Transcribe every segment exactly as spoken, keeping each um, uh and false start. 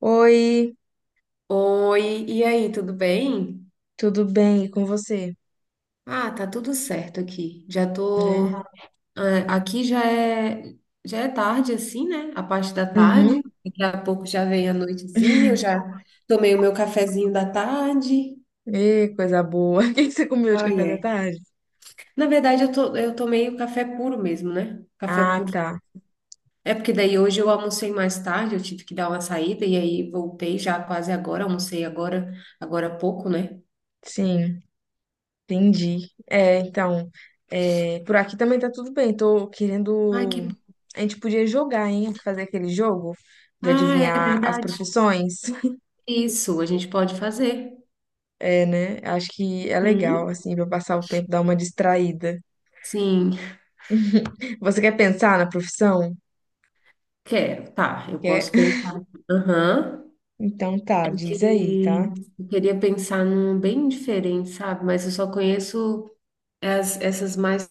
Oi, Oi, e aí, tudo bem? tudo bem? E com você? Ah, tá tudo certo aqui. Já É. tô, é, aqui já é, já é tarde assim, né? A parte da tarde. Uhum. Daqui a pouco já vem a noitezinha, eu já tomei o meu cafezinho da tarde. Ê, coisa boa. O que que você comeu de Ah, café da é. tarde? Na verdade, eu tô, eu tomei o café puro mesmo, né? Café Ah, puro. tá. É porque daí hoje eu almocei mais tarde, eu tive que dar uma saída e aí voltei já quase agora, almocei agora, agora há pouco, né? Sim, entendi. É, então, é, por aqui também tá tudo bem. Tô Ai, que... querendo. A gente podia jogar, hein? Fazer aquele jogo de Ah, é adivinhar as verdade. profissões. Isso, a gente pode fazer. É, né? Acho que é legal, Hum, assim, pra passar o tempo, dar uma distraída. sim, Você quer pensar na profissão? quero. Tá, eu Quer? posso pensar aqui. Aham. Então tá, Porque diz aí, tá? eu queria pensar num bem diferente, sabe? Mas eu só conheço as, essas mais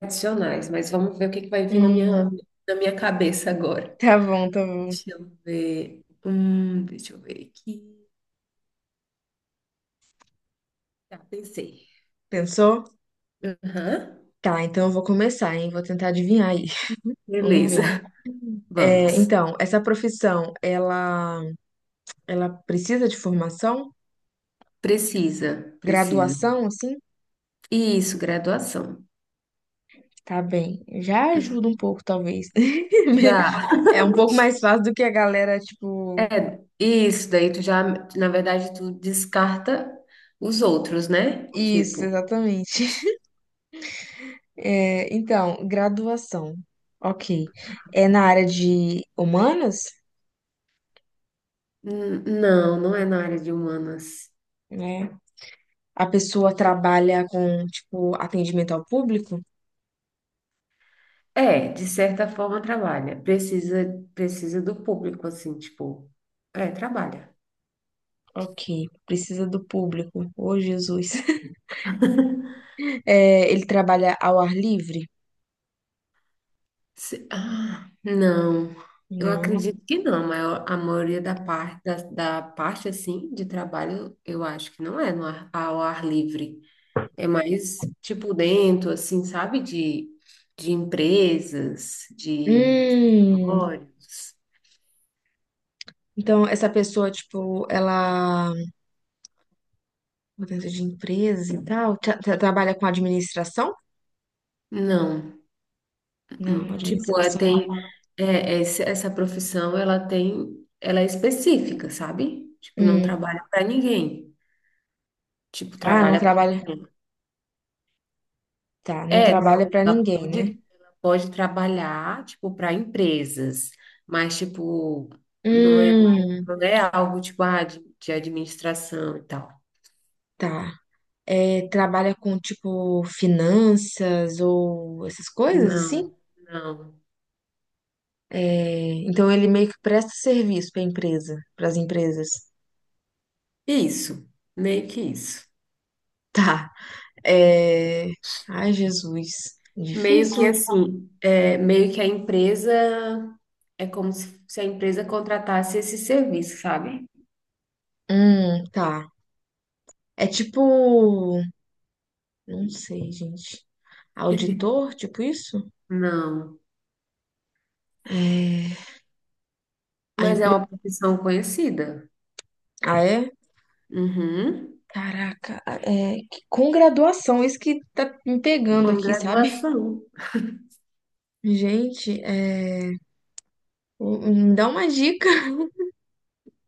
tradicionais. Mas vamos ver o que que vai vir na minha, Hum, na minha cabeça agora. tá bom, tá bom. Deixa eu ver. Hum, deixa eu ver aqui. Tá, pensei. Pensou? Aham. Tá, então eu vou começar, hein? Vou tentar adivinhar aí. Vamos Beleza, ver. É, vamos. então, essa profissão, ela, ela precisa de formação? Precisa, precisa. Graduação, assim? Isso, graduação. Tá bem. Já ajuda um pouco, talvez. Já. É um pouco mais fácil do que a galera, tipo. É, isso daí tu já, na verdade, tu descarta os outros, né? Isso, Tipo, exatamente. É, então, graduação. Ok. É na área de humanas, "Hum, não, não é na área de humanas. né? A pessoa trabalha com, tipo, atendimento ao público? É, de certa forma trabalha. Precisa, precisa do público, assim, tipo, é, trabalha. Ok, precisa do público. Ô, Jesus. É, ele trabalha ao ar livre? Se- ah, não, eu Não. acredito que não, mas eu- a maioria da parte, da, da parte, assim, de trabalho, eu acho que não é no ar, ao ar livre. É mais, tipo, dentro, assim, sabe? De, de empresas, de Hum, escritórios. então essa pessoa, tipo, ela mudança de empresa e tal, tra- tra- trabalha com administração? Não. Não, Hum, tipo, é, administração, não. tem... É, esse- essa profissão, ela tem... Ela é específica, sabe? Tipo, não Hum. trabalha para ninguém. Tipo, Ah, não trabalha para... trabalha. Tá, não É, trabalha pra ela ninguém, pode, né? ela pode trabalhar, tipo, para empresas, mas, tipo, não é, Hum, não é algo, tipo, ah, de, de administração e tal. tá. É, trabalha com tipo finanças ou essas coisas Não, assim? não. É, então ele meio que presta serviço pra empresa, pras empresas. Isso, meio que isso. Tá. É... Ai, Jesus. Meio Difícil, que hein? assim, é, meio que a empresa é como se, se a empresa contratasse esse serviço, sabe? Hum, tá. É tipo. Não sei, gente. Auditor, tipo isso? Não, É... A mas é empresa. uma profissão conhecida. Ah, é? Uhum. Caraca, é... que- com graduação, isso que tá me pegando Com aqui, sabe? graduação. Gente, é... me dá uma dica.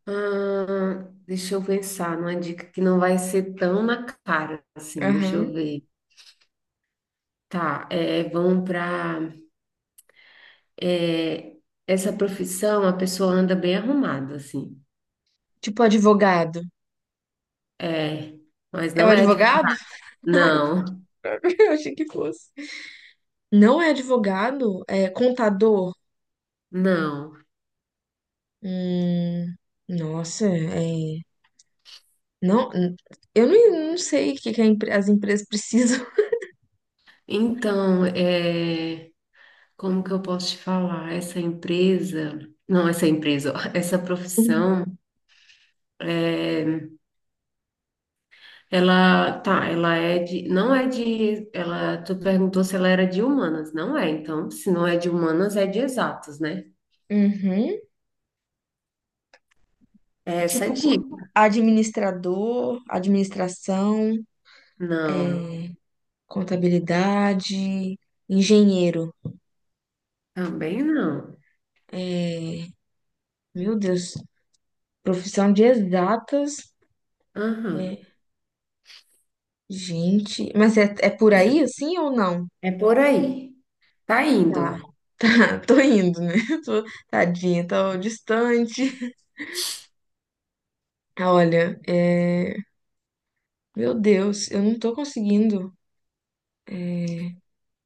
Ah, deixa eu pensar numa dica que não vai ser tão na cara assim, deixa eu Aham. ver. Tá, é, vão para essa profissão, a pessoa anda bem arrumada, assim. Tipo advogado. É, mas É o não é advogado? advogado. Não. Eu achei que fosse. Não é advogado, é contador. Não. Hum, nossa, é. Não, n- eu não, não sei o que que a empre- as empresas precisam. Então, é, como que eu posso te falar? Essa empresa, não, essa empresa, ó, essa profissão, é, ela tá, ela é de, não é de, ela, tu perguntou se ela era de humanas, não é? Então, se não é de humanas, é de exatas, né? Uhum. Essa é Tipo, de, administrador, administração, não, é, contabilidade, engenheiro. também não. É, meu Deus, profissão de exatas. É, Aham. gente, mas é, é por aí assim ou não? É por aí. Tá indo. Tá, tá, tô indo, né? Tô, tadinha, tô distante. Olha, é. Meu Deus, eu não tô conseguindo.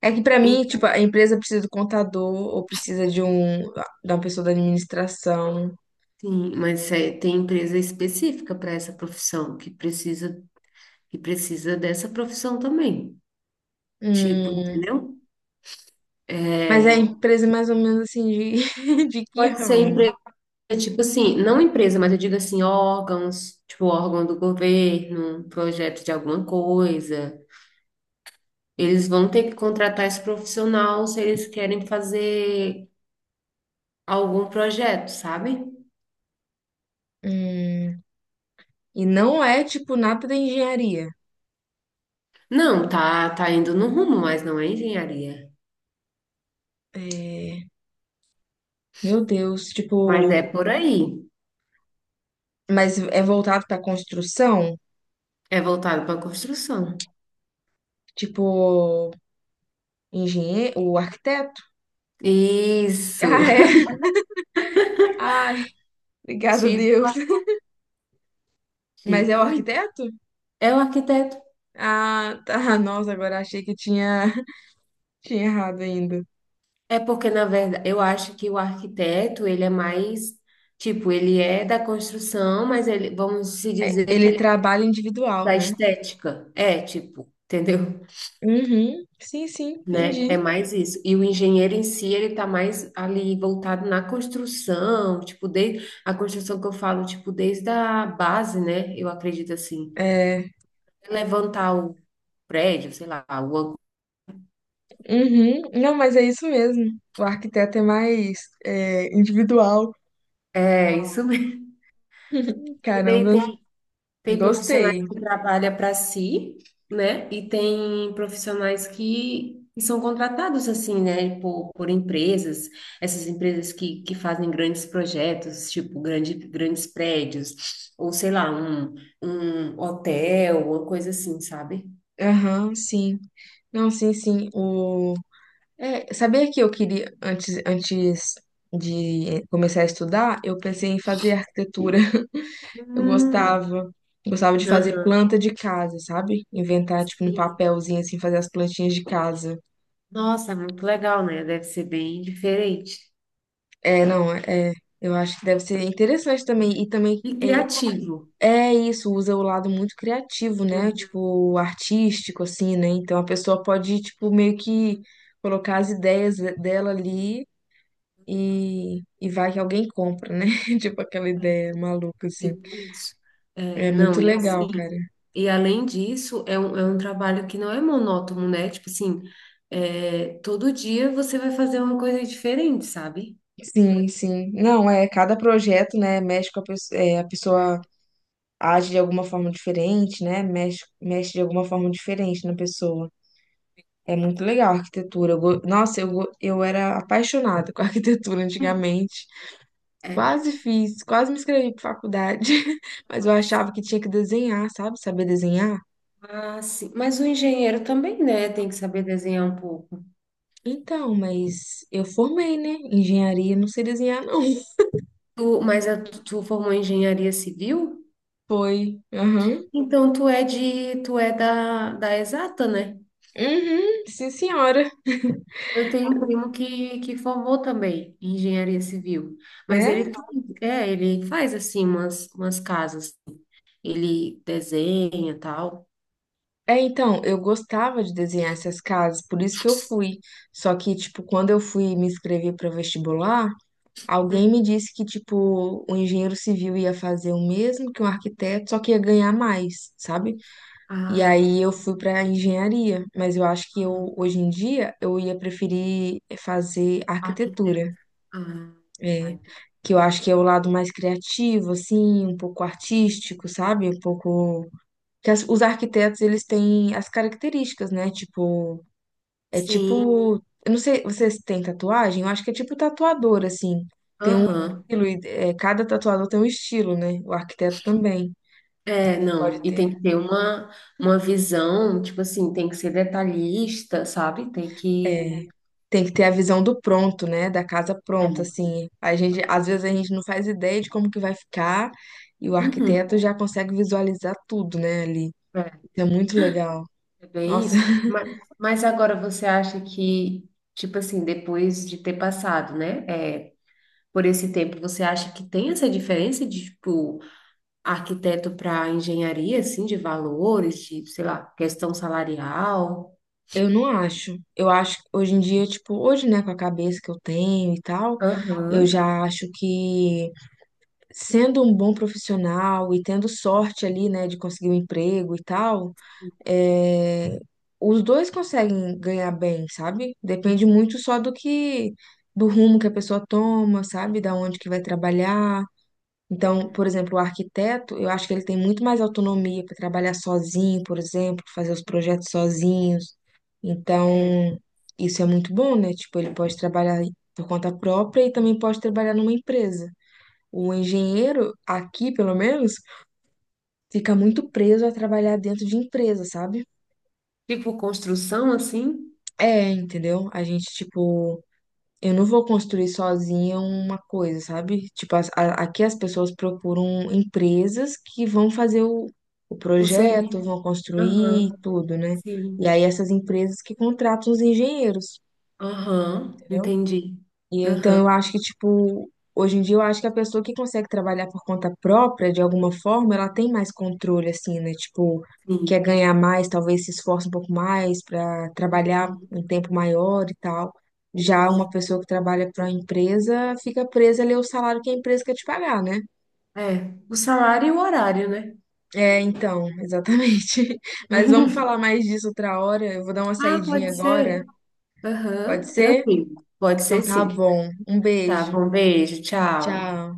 É que pra mim, E- tipo, a empresa precisa do contador ou precisa de um da uma pessoa da administração. Sim, mas é- tem empresa específica para essa profissão que precisa que precisa dessa profissão também. Tipo, Hum, entendeu? mas é a É, empresa é mais ou menos assim de, de que pode ser ramo? empresa, tipo assim, não empresa, mas eu digo assim, órgãos, tipo órgão do governo, um projeto de alguma coisa. Eles vão ter que contratar esse profissional se eles querem fazer algum projeto, sabe? Hum, e não é tipo nada da engenharia. Não, tá, tá indo no rumo, mas não é engenharia. É, meu Deus, Mas é tipo, por aí. mas é voltado pra construção? É voltado para construção. Tipo, engenheiro, o arquiteto? Ah, Isso. é. Ai, obrigada a Deus. Tipo, Mas é o tipo, isso. arquiteto? É o arquiteto. Ah, tá. Nossa, agora achei que tinha, tinha errado ainda. É porque, na verdade, eu acho que o arquiteto, ele é mais, tipo, ele é da construção, mas ele, vamos se É, dizer que ele ele trabalha é individual, da né? estética. É, tipo, entendeu? Uhum. Sim, sim, Né? entendi. É mais isso. E o engenheiro em si, ele tá mais ali voltado na construção, tipo, desde a construção que eu falo, tipo, desde a base, né? Eu acredito assim. É, Levantar o prédio, sei lá, o ângulo. uhum. Não, mas é isso mesmo. O arquiteto é mais é, individual. É, isso mesmo. E daí Caramba, tem Tem profissionais gostei. que trabalham para si, né? E tem profissionais que, que são contratados assim, né? Por, por empresas, essas empresas que, que fazem grandes projetos, tipo grande, grandes prédios, ou sei lá, um, um hotel, uma coisa assim, sabe? Aham, sim. Não, sim, sim. O... É, sabia que eu queria, antes, antes de começar a estudar, eu pensei em fazer arquitetura. Eu Hum, gostava. Gostava de fazer aham, planta de casa, sabe? Inventar, tipo, um sim. papelzinho assim, fazer as plantinhas de casa. Nossa, muito legal, né? Deve ser bem diferente É, não, é. Eu acho que deve ser interessante também. E também e é, criativo. é isso, usa o lado muito criativo, né? Uhum. Tipo, artístico, assim, né? Então a pessoa pode, tipo, meio que colocar as ideias dela ali e, e vai que alguém compra, né? Tipo, aquela ideia maluca, assim. Tipo isso. É, É muito não, e legal, sim. cara. E além disso, é um, é um trabalho que não é monótono, né? Tipo assim, é, todo dia você vai fazer uma coisa diferente, sabe? Sim, sim. Não, é, cada projeto, né, mexe com a pessoa, a É. pessoa age de alguma forma diferente, né, mexe, mexe de alguma forma diferente na pessoa. É muito legal a arquitetura. Eu go- Nossa, eu, go- eu era apaixonada com a arquitetura antigamente. É. Quase fiz, quase me inscrevi para faculdade, mas eu achava que tinha que desenhar, sabe? Saber desenhar. Ah, sim. Mas o engenheiro também, né? Tem que saber desenhar um pouco. Então, mas eu formei, né, engenharia, não sei desenhar, não. Tu, mas a, tu tu formou em engenharia civil? Foi. Aham. Então tu é de, tu é da, da exata, né? Uhum. Sim, senhora. Eu tenho um primo que, que formou também em engenharia civil, mas É, ele faz, é, ele faz assim umas, umas casas, ele desenha e tal. é, então, eu gostava de desenhar essas casas, por isso que eu fui. Só que, tipo, quando eu fui me inscrever para vestibular, alguém Uhum. me disse que, tipo, o engenheiro civil ia fazer o mesmo que um arquiteto, só que ia ganhar mais, sabe? E aí Ah, eu fui para engenharia, mas eu acho que aham. eu, hoje em dia, eu ia preferir fazer arquitetura, Arquiteto. Ah, tá, é, entendi. que eu acho que é o lado mais criativo, assim, um pouco artístico, sabe? Um pouco que as- os arquitetos eles têm as características, né? Tipo, é Sim, tipo, eu não sei, vocês têm tatuagem? Eu acho que é tipo tatuador assim. Tem um aham. estilo, e, é, cada tatuador tem um estilo, né? O arquiteto também É, não, pode e tem ter. que ter uma, uma visão, tipo assim, tem que ser detalhista, sabe? Tem que. É, tem que ter a visão do pronto, né? Da casa pronta, É. assim. A gente, às vezes a gente não faz ideia de como que vai ficar e o Uhum. arquiteto já consegue visualizar tudo, né? Ali. Isso é muito legal. É bem Nossa. isso. Mas, mas agora você acha que, tipo assim, depois de ter passado, né, é, por esse tempo, você acha que tem essa diferença de, tipo, arquiteto para engenharia, assim, de valores, de, sei lá, questão salarial? Eu não acho. Eu acho que hoje em dia, tipo, hoje, né, com a cabeça que eu tenho e tal, eu Aham. já acho que sendo um bom profissional e tendo sorte ali, né, de conseguir um emprego e tal, é, os dois conseguem ganhar bem, sabe? Depende Uhum. muito só do que, do rumo que a pessoa toma, sabe? Da onde que vai trabalhar. Então, por exemplo, o arquiteto, eu acho que ele tem muito mais autonomia para trabalhar sozinho, por exemplo, fazer os projetos sozinhos. É, Então, isso é muito bom, né? Tipo, ele pode trabalhar por conta própria e também pode trabalhar numa empresa. O engenheiro, aqui pelo menos, fica muito preso a trabalhar dentro de empresa, sabe? tipo, construção, assim, É, entendeu? A gente, tipo, eu não vou construir sozinha uma coisa, sabe? Tipo, as- a- aqui as pessoas procuram empresas que vão fazer o, o o projeto, serviço. vão construir Aham, tudo, né? sim. E aí essas empresas que contratam os engenheiros, Aham, entendeu? entendi. E eu- então Aham, eu acho que, tipo, hoje em dia eu acho que a pessoa que consegue trabalhar por conta própria, de alguma forma, ela tem mais controle, assim, né? Tipo, quer sim. ganhar mais, talvez se esforce um pouco mais para trabalhar Uhum, um tempo maior e tal. Já uma sim. pessoa que trabalha para uma empresa fica presa ali ao salário que a empresa quer te pagar, né? É, o salário e o horário, né? É, então, exatamente. Mas vamos falar mais disso outra hora. Eu vou dar uma Ah, saidinha pode agora, ser. pode Aham, ser? tranquilo. Pode Então ser tá sim. bom. Um Tá beijo. bom, beijo, tchau. Tchau.